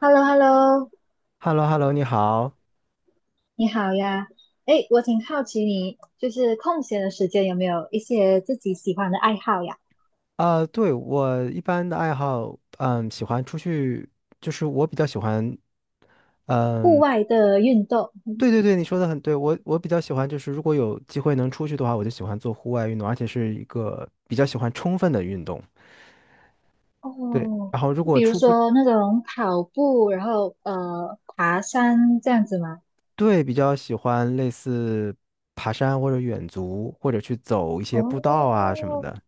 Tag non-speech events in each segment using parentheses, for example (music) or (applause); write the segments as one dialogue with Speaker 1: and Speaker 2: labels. Speaker 1: Hello hello
Speaker 2: h e l l o h e l l o 你好。
Speaker 1: 你好呀。哎，我挺好奇你就是空闲的时间有没有一些自己喜欢的爱好呀？
Speaker 2: 啊！对，我一般的爱好，喜欢出去，就是我比较喜欢，
Speaker 1: 户外的运动。
Speaker 2: 对对对，你说的很对，我比较喜欢，就是如果有机会能出去的话，我就喜欢做户外运动，而且是一个比较喜欢充分的运动。对，
Speaker 1: 哦，
Speaker 2: 然后如果
Speaker 1: 比如
Speaker 2: 出不
Speaker 1: 说那种跑步，然后爬山这样子吗？
Speaker 2: 对，比较喜欢类似爬山或者远足，或者去走一些步道啊什么
Speaker 1: 哦，
Speaker 2: 的。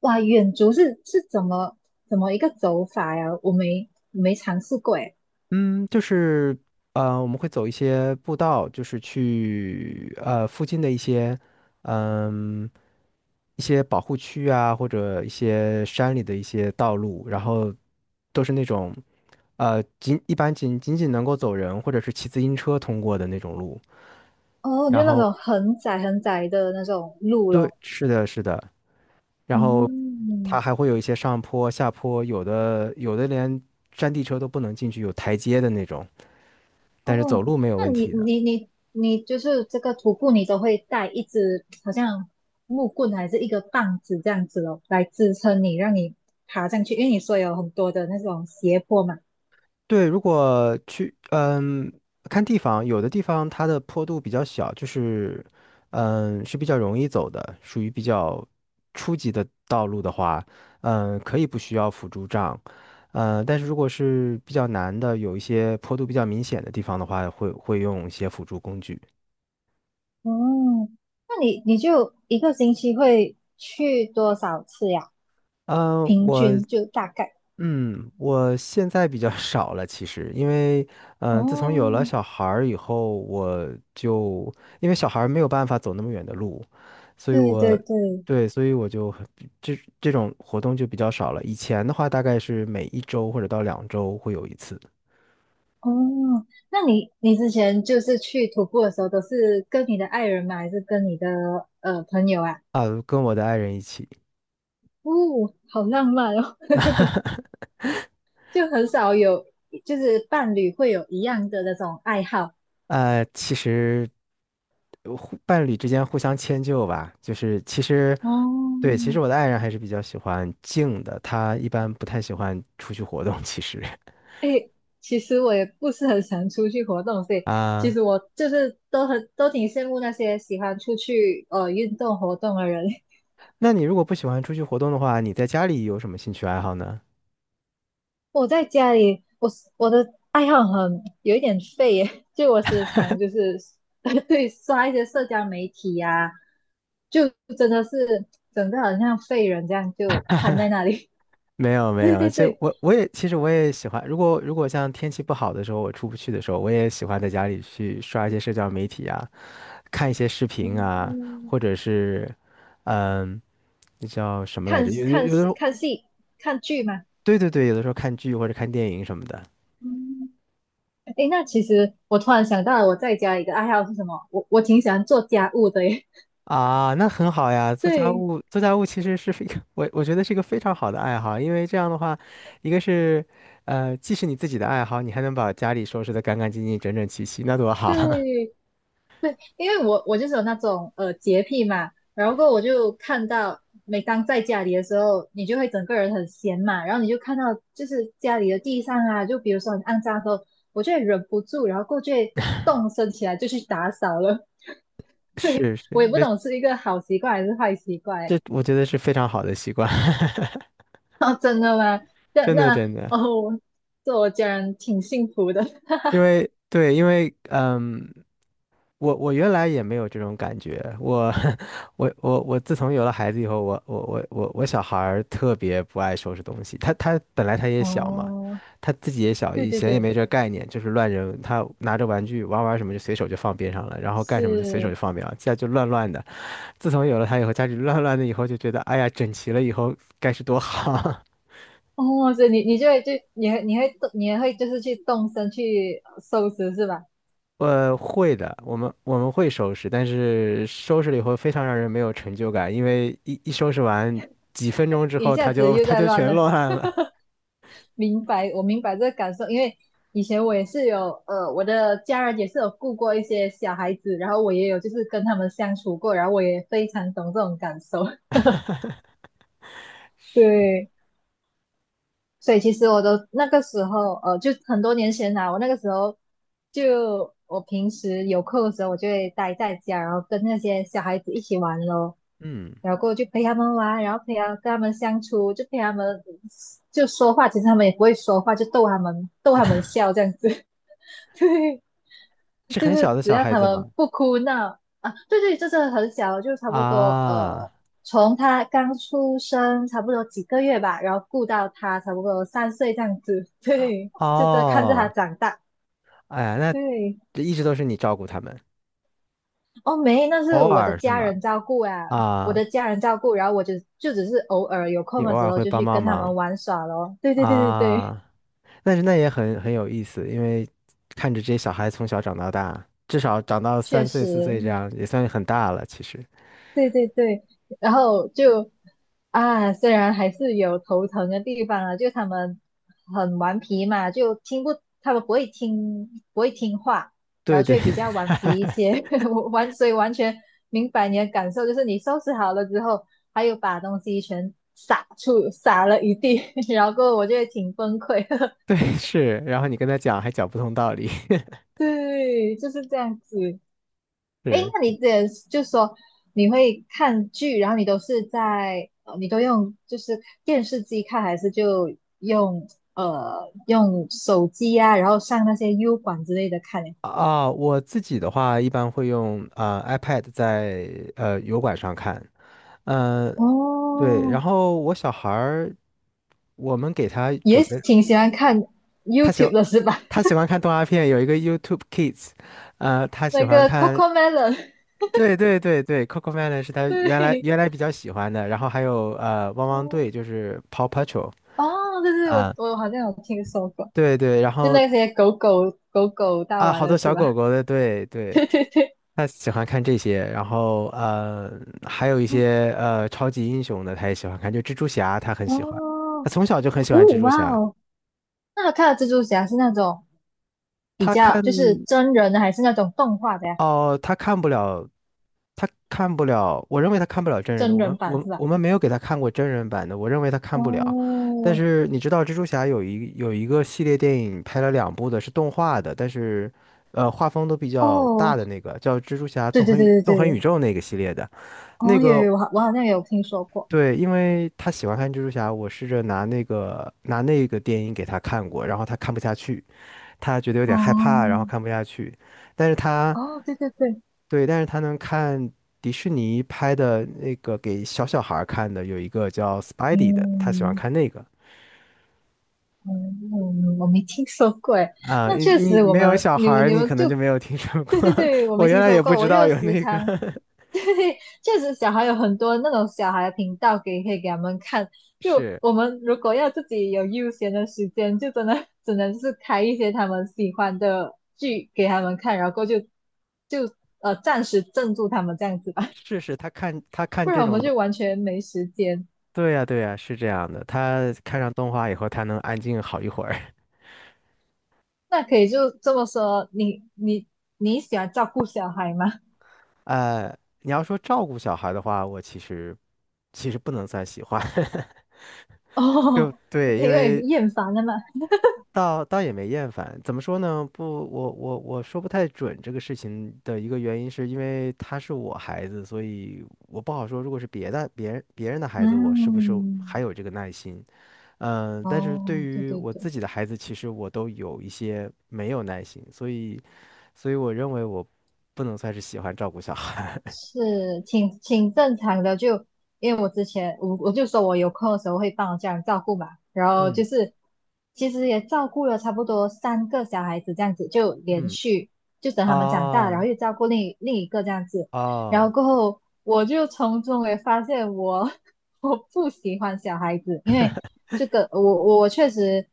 Speaker 1: 哇，远足是怎么一个走法呀？我没尝试过诶。
Speaker 2: 嗯，就是我们会走一些步道，就是去附近的一些嗯一些保护区啊，或者一些山里的一些道路，然后都是那种一般仅仅仅能够走人或者是骑自行车通过的那种路。
Speaker 1: 哦，就
Speaker 2: 然
Speaker 1: 那
Speaker 2: 后
Speaker 1: 种很窄很窄的那种路
Speaker 2: 对，
Speaker 1: 咯。
Speaker 2: 是的，是的，然后它
Speaker 1: 嗯，
Speaker 2: 还会有一些上坡、下坡，有的连山地车都不能进去，有台阶的那种，但是走
Speaker 1: 哦，
Speaker 2: 路没有
Speaker 1: 那
Speaker 2: 问
Speaker 1: 你
Speaker 2: 题的。
Speaker 1: 你你你就是这个徒步，你都会带一支好像木棍还是一个棒子这样子哦，来支撑你，让你爬上去，因为你说有很多的那种斜坡嘛。
Speaker 2: 对，如果去，看地方，有的地方它的坡度比较小，就是，是比较容易走的，属于比较初级的道路的话，可以不需要辅助杖，但是如果是比较难的，有一些坡度比较明显的地方的话，会用一些辅助工具。
Speaker 1: 哦，那你就一个星期会去多少次呀？
Speaker 2: 嗯，
Speaker 1: 平
Speaker 2: 我
Speaker 1: 均就大概。
Speaker 2: 嗯，我现在比较少了，其实，因为，自从有了
Speaker 1: 哦，
Speaker 2: 小孩儿以后，就因为小孩儿没有办法走那么远的路，所以
Speaker 1: 对对
Speaker 2: 我，
Speaker 1: 对，
Speaker 2: 对，所以我就很这种活动就比较少了。以前的话，大概是每一周或者到两周会有一次
Speaker 1: 哦，那你之前就是去徒步的时候，都是跟你的爱人吗？还是跟你的朋友啊？
Speaker 2: 啊，跟我的爱人一起。
Speaker 1: 哦，好浪漫哦！就很少有，就是伴侣会有一样的那种爱好。
Speaker 2: 其实伴侣之间互相迁就吧，就是其实
Speaker 1: 哦，
Speaker 2: 对，其实我的爱人还是比较喜欢静的，她一般不太喜欢出去活动。其实
Speaker 1: 哎，其实我也不是很想出去活动，所
Speaker 2: (laughs)
Speaker 1: 以其
Speaker 2: 啊，
Speaker 1: 实我就是都很都挺羡慕那些喜欢出去运动活动的人。(laughs)
Speaker 2: 那你如果不喜欢出去活动的话，你在家里有什么兴趣爱好呢？
Speaker 1: 我在家里，我是我的爱好很有一点废耶，就我时常就是 (laughs) 对刷一些社交媒体呀、就真的是整个好像废人这样就瘫在那里。
Speaker 2: 没有
Speaker 1: (laughs)
Speaker 2: 没
Speaker 1: 对
Speaker 2: 有，
Speaker 1: 对
Speaker 2: 这
Speaker 1: 对。
Speaker 2: 我也其实我也喜欢，如果像天气不好的时候，我出不去的时候，我也喜欢在家里去刷一些社交媒体啊，看一些视频啊，
Speaker 1: 嗯，
Speaker 2: 或者是嗯，那叫什么来
Speaker 1: 看
Speaker 2: 着？
Speaker 1: 看
Speaker 2: 有的时候。
Speaker 1: 看戏、看剧吗？
Speaker 2: 对对对，有的时候看剧或者看电影什么的
Speaker 1: 嗯，诶，那其实我突然想到了，我在家一个爱好是什么？我挺喜欢做家务的耶。
Speaker 2: 啊，那很好呀。
Speaker 1: (laughs)
Speaker 2: 做家
Speaker 1: 对
Speaker 2: 务，做家务其实是非 (laughs)，我觉得是一个非常好的爱好，因为这样的话，一个是，既是你自己的爱好，你还能把家里收拾得干干净净、整整齐齐，那多好啊！
Speaker 1: 对，因为我就是有那种洁癖嘛，然后过后我就看到，每当在家里的时候，你就会整个人很闲嘛，然后你就看到就是家里的地上啊，就比如说很肮脏的时候，我就会忍不住，然后过去动身起来就去打扫了。
Speaker 2: (laughs)
Speaker 1: (laughs) 对，
Speaker 2: 是
Speaker 1: 我也
Speaker 2: 是，
Speaker 1: 不
Speaker 2: 这
Speaker 1: 懂是一个好习惯还是坏习惯。
Speaker 2: 这我觉得是非常好的习惯，
Speaker 1: (laughs) 哦，真的吗？
Speaker 2: (laughs)
Speaker 1: 那
Speaker 2: 真的
Speaker 1: 那
Speaker 2: 真的。
Speaker 1: 哦，这我家人挺幸福的。(laughs)
Speaker 2: 因为对，因为我原来也没有这种感觉，我 (laughs) 我自从有了孩子以后，我小孩儿特别不爱收拾东西，他本来他也小嘛，
Speaker 1: 哦，
Speaker 2: 他自己也小，
Speaker 1: 对
Speaker 2: 以
Speaker 1: 对
Speaker 2: 前也
Speaker 1: 对，
Speaker 2: 没这概念，就是乱扔，他拿着玩具玩玩什么就随手就放边上了，然后干什么就随手就
Speaker 1: 是。
Speaker 2: 放边上，家就乱乱的。自从有了他以后，家里乱乱的以后就觉得，哎呀，整齐了以后该是多好。(laughs)
Speaker 1: 哦，所以你就会就你会动，你也会就是去动身去收拾是吧？
Speaker 2: 会的，我们会收拾，但是收拾了以后非常让人没有成就感，因为一收拾完几分钟之
Speaker 1: 一
Speaker 2: 后，
Speaker 1: 下
Speaker 2: 他
Speaker 1: 子
Speaker 2: 就
Speaker 1: 又
Speaker 2: 他
Speaker 1: 在
Speaker 2: 就
Speaker 1: 乱
Speaker 2: 全
Speaker 1: 了，
Speaker 2: 乱了。
Speaker 1: 明白，我明白这个感受，因为以前我也是有我的家人也是有顾过一些小孩子，然后我也有就是跟他们相处过，然后我也非常懂这种感受。(laughs) 对，所以其实我都那个时候，就很多年前啦、我那个时候就我平时有空的时候，我就会待在家，然后跟那些小孩子一起玩咯，
Speaker 2: 嗯，
Speaker 1: 然后过后就陪他们玩，然后陪他跟他们相处，就陪他们就说话，其实他们也不会说话，就逗他们笑这样子，(laughs) 对。
Speaker 2: 是
Speaker 1: 就
Speaker 2: 很
Speaker 1: 是
Speaker 2: 小的
Speaker 1: 只
Speaker 2: 小
Speaker 1: 要
Speaker 2: 孩
Speaker 1: 他
Speaker 2: 子
Speaker 1: 们
Speaker 2: 吗？
Speaker 1: 不哭闹啊，对对，这是很小，就差不多
Speaker 2: 啊，
Speaker 1: 从他刚出生差不多几个月吧，然后顾到他差不多3岁这样子，对，就这看着他
Speaker 2: 哦，
Speaker 1: 长大，
Speaker 2: 哎呀，那
Speaker 1: 对，
Speaker 2: 这一直都是你照顾他们，
Speaker 1: 哦没，那是
Speaker 2: 偶
Speaker 1: 我的
Speaker 2: 尔是
Speaker 1: 家
Speaker 2: 吗？
Speaker 1: 人照顾啊，我
Speaker 2: 啊，
Speaker 1: 的家人照顾，然后我就就只是偶尔有
Speaker 2: 你
Speaker 1: 空
Speaker 2: 偶
Speaker 1: 的时
Speaker 2: 尔
Speaker 1: 候
Speaker 2: 会
Speaker 1: 就
Speaker 2: 帮
Speaker 1: 去
Speaker 2: 帮
Speaker 1: 跟他
Speaker 2: 忙
Speaker 1: 们玩耍咯，对对对对对，
Speaker 2: 啊，但是那也很有意思，因为看着这些小孩从小长到大，至少长到
Speaker 1: 确
Speaker 2: 三
Speaker 1: 实，
Speaker 2: 岁四岁这样，也算很大了，其实。
Speaker 1: 对对对，然后就啊，虽然还是有头疼的地方啊，就他们很顽皮嘛，就听不，他们不会听，不会听话，然
Speaker 2: 对
Speaker 1: 后就
Speaker 2: 对
Speaker 1: 会比较顽皮一
Speaker 2: (laughs)
Speaker 1: 些。(laughs) 我完，所以完全明白你的感受，就是你收拾好了之后，还有把东西全撒出，撒了一地，(laughs) 然后过后我就会挺崩溃的。
Speaker 2: 对是，然后你跟他讲还讲不通道理，(laughs)
Speaker 1: (laughs) 对，就是这样子。哎，
Speaker 2: 是
Speaker 1: 那你这就说你会看剧，然后你都是在你都用就是电视机看，还是就用用手机啊，然后上那些 U 管之类的看呢？
Speaker 2: 啊，我自己的话一般会用iPad 在油管上看，嗯、呃、对，然
Speaker 1: 哦，
Speaker 2: 后我小孩儿我们给他
Speaker 1: 也
Speaker 2: 准备，
Speaker 1: 挺喜欢看
Speaker 2: 他喜欢
Speaker 1: YouTube 的是吧？
Speaker 2: 他喜欢看动画片，有一个 YouTube Kids,他
Speaker 1: (laughs)
Speaker 2: 喜
Speaker 1: 那
Speaker 2: 欢
Speaker 1: 个
Speaker 2: 看。
Speaker 1: Cocomelon,
Speaker 2: 对对对对，Coco Melon 是
Speaker 1: (laughs)
Speaker 2: 他原来
Speaker 1: 对，
Speaker 2: 原来比较喜欢的，然后还有汪汪
Speaker 1: 哦，
Speaker 2: 队就是 Paw Patrol
Speaker 1: 哦对对，我
Speaker 2: 啊，
Speaker 1: 好像有听说过，
Speaker 2: 对对，然
Speaker 1: 就
Speaker 2: 后
Speaker 1: 那些狗狗大
Speaker 2: 啊
Speaker 1: 王
Speaker 2: 好
Speaker 1: 的
Speaker 2: 多
Speaker 1: 是
Speaker 2: 小
Speaker 1: 吧？
Speaker 2: 狗狗的，对
Speaker 1: (laughs)
Speaker 2: 对，
Speaker 1: 对对对，
Speaker 2: 他喜欢看这些，然后还有一
Speaker 1: 哦，
Speaker 2: 些超级英雄的，他也喜欢看，就蜘蛛侠，他很喜欢。
Speaker 1: 哦，
Speaker 2: 他从小就很喜欢蜘蛛
Speaker 1: 哇
Speaker 2: 侠。
Speaker 1: 哦，那他看的蜘蛛侠是那种比
Speaker 2: 他
Speaker 1: 较
Speaker 2: 看
Speaker 1: 就是真人的，还是那种动画的呀？
Speaker 2: 哦，他看不了，他看不了。我认为他看不了真人的。
Speaker 1: 真
Speaker 2: 我们
Speaker 1: 人版
Speaker 2: 我
Speaker 1: 是吧？
Speaker 2: 我们没有给他看过真人版的，我认为他看不了。但
Speaker 1: 哦，
Speaker 2: 是你知道，蜘蛛侠有一个系列电影拍了两部的，是动画的，但是画风都比较大
Speaker 1: 哦，
Speaker 2: 的那个，叫《蜘蛛侠
Speaker 1: 对对对对
Speaker 2: 纵横宇
Speaker 1: 对，
Speaker 2: 宙》那个系列的。那
Speaker 1: 哦，有
Speaker 2: 个
Speaker 1: 有，我好像有听说过。
Speaker 2: 对，因为他喜欢看蜘蛛侠，我试着拿那个电影给他看过，然后他看不下去，他觉得有点害怕，然
Speaker 1: 哦
Speaker 2: 后看不下去。但是他
Speaker 1: 哦，对对对，
Speaker 2: 对，但是他能看迪士尼拍的那个给小小孩儿看的，有一个叫《Spidey》的，他喜欢
Speaker 1: 嗯。
Speaker 2: 看那个
Speaker 1: 嗯，嗯嗯，我没听说过诶。
Speaker 2: 啊。
Speaker 1: 那
Speaker 2: 你
Speaker 1: 确
Speaker 2: 你
Speaker 1: 实，我
Speaker 2: 没有
Speaker 1: 们
Speaker 2: 小
Speaker 1: 你
Speaker 2: 孩
Speaker 1: 们
Speaker 2: 儿
Speaker 1: 你
Speaker 2: 你
Speaker 1: 们
Speaker 2: 可能
Speaker 1: 就，
Speaker 2: 就没有听说
Speaker 1: 对
Speaker 2: 过。
Speaker 1: 对对，
Speaker 2: (laughs)
Speaker 1: 我
Speaker 2: 我
Speaker 1: 没
Speaker 2: 原
Speaker 1: 听
Speaker 2: 来
Speaker 1: 说
Speaker 2: 也不
Speaker 1: 过。
Speaker 2: 知
Speaker 1: 我
Speaker 2: 道
Speaker 1: 就
Speaker 2: 有
Speaker 1: 时
Speaker 2: 那个，
Speaker 1: 常，(laughs) 对，确实小孩有很多那种小孩的频道给可以给他们看。
Speaker 2: (laughs)
Speaker 1: 就
Speaker 2: 是
Speaker 1: 我们如果要自己有悠闲的时间，就真的只能是开一些他们喜欢的剧给他们看，然后就就暂时镇住他们这样子吧，
Speaker 2: 是是，他
Speaker 1: (laughs)
Speaker 2: 看
Speaker 1: 不然
Speaker 2: 这
Speaker 1: 我们
Speaker 2: 种东，
Speaker 1: 就完全没时间。
Speaker 2: 对呀对呀，是这样的。他看上动画以后，他能安静好一会儿。
Speaker 1: 那可以就这么说，你你喜欢照顾小孩吗？
Speaker 2: 你要说照顾小孩的话，我其实其实不能算喜欢，(laughs)
Speaker 1: (laughs)
Speaker 2: 就
Speaker 1: 哦，
Speaker 2: 对，因
Speaker 1: 因为
Speaker 2: 为
Speaker 1: 厌烦了嘛。
Speaker 2: 倒也没厌烦。怎么说呢？不，我说不太准这个事情的一个原因，是因为他是我孩子，所以我不好说。如果是别人的孩子，我是不是还
Speaker 1: 嗯，
Speaker 2: 有这个耐心？但是对
Speaker 1: 哦，对
Speaker 2: 于
Speaker 1: 对
Speaker 2: 我
Speaker 1: 对，
Speaker 2: 自己的孩子，其实我都有一些没有耐心，所以我认为我不能算是喜欢照顾小孩。(laughs)
Speaker 1: 是挺挺正常的。就因为我之前我就说我有空的时候会帮我家人照顾嘛，然后
Speaker 2: 嗯。
Speaker 1: 就是其实也照顾了差不多3个小孩子这样子，就连
Speaker 2: 嗯。
Speaker 1: 续就等他们长大，
Speaker 2: 啊
Speaker 1: 然后又照顾另一个这样子，然后
Speaker 2: 哦
Speaker 1: 过后我就从中也发现我 (laughs) 我不喜欢小孩子，因为。这个我确实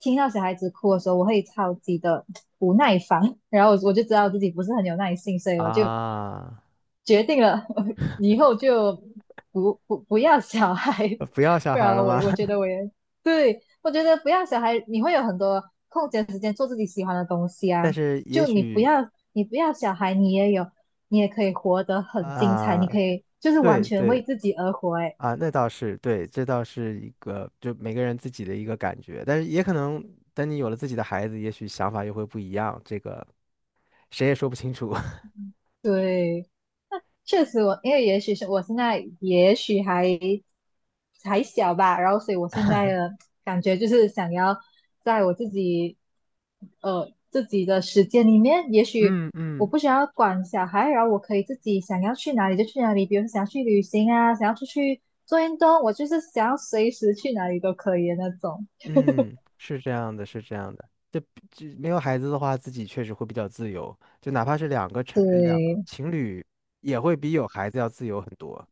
Speaker 1: 听到小孩子哭的时候，我会超级的不耐烦，然后我就知道自己不是很有耐性，所以我就
Speaker 2: 啊，
Speaker 1: 决定了 (laughs) 以后就不要小孩，
Speaker 2: 不要小
Speaker 1: 不
Speaker 2: 孩
Speaker 1: 然
Speaker 2: 了
Speaker 1: 我
Speaker 2: 吗？
Speaker 1: 我觉得
Speaker 2: (laughs)
Speaker 1: 我也对，我觉得不要小孩，你会有很多空闲时间做自己喜欢的东西
Speaker 2: 但
Speaker 1: 啊。
Speaker 2: 是也
Speaker 1: 就
Speaker 2: 许
Speaker 1: 你不要小孩，你也有你也可以活得很精彩，你可
Speaker 2: 啊，
Speaker 1: 以就是完
Speaker 2: 对
Speaker 1: 全为
Speaker 2: 对
Speaker 1: 自己而活、
Speaker 2: 啊，那倒是对，这倒是一个就每个人自己的一个感觉，但是也可能等你有了自己的孩子，也许想法又会不一样，这个谁也说不清楚。(laughs)
Speaker 1: 对。确实我，因为也许是我现在也许还还小吧，然后所以我现在的感觉就是想要在我自己自己的时间里面，也许
Speaker 2: 嗯
Speaker 1: 我
Speaker 2: 嗯
Speaker 1: 不想要管小孩，然后我可以自己想要去哪里就去哪里，比如说想要去旅行啊，想要出去做运动，我就是想要随时去哪里都可以的那种。
Speaker 2: 嗯，是这样的，是这样的。就没有孩子的话，自己确实会比较自由，就哪怕是两个
Speaker 1: 对，
Speaker 2: 情侣，也会比有孩子要自由很多。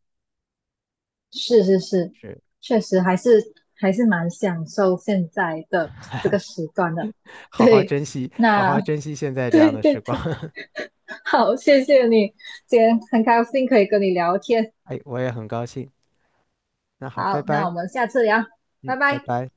Speaker 1: 是是是，
Speaker 2: 是。
Speaker 1: 确实还是还是蛮享受现在的这个时段的。
Speaker 2: 好好
Speaker 1: 对，
Speaker 2: 珍惜，好
Speaker 1: 那
Speaker 2: 好珍惜现
Speaker 1: (laughs)
Speaker 2: 在这样
Speaker 1: 对
Speaker 2: 的
Speaker 1: 对
Speaker 2: 时光。
Speaker 1: 对
Speaker 2: (laughs)
Speaker 1: (laughs) 好，谢谢你，今天很高兴可以跟你聊天。
Speaker 2: 哎，我也很高兴。那好，拜
Speaker 1: 好，那
Speaker 2: 拜，
Speaker 1: 我们下次聊，拜
Speaker 2: 拜
Speaker 1: 拜。
Speaker 2: 拜。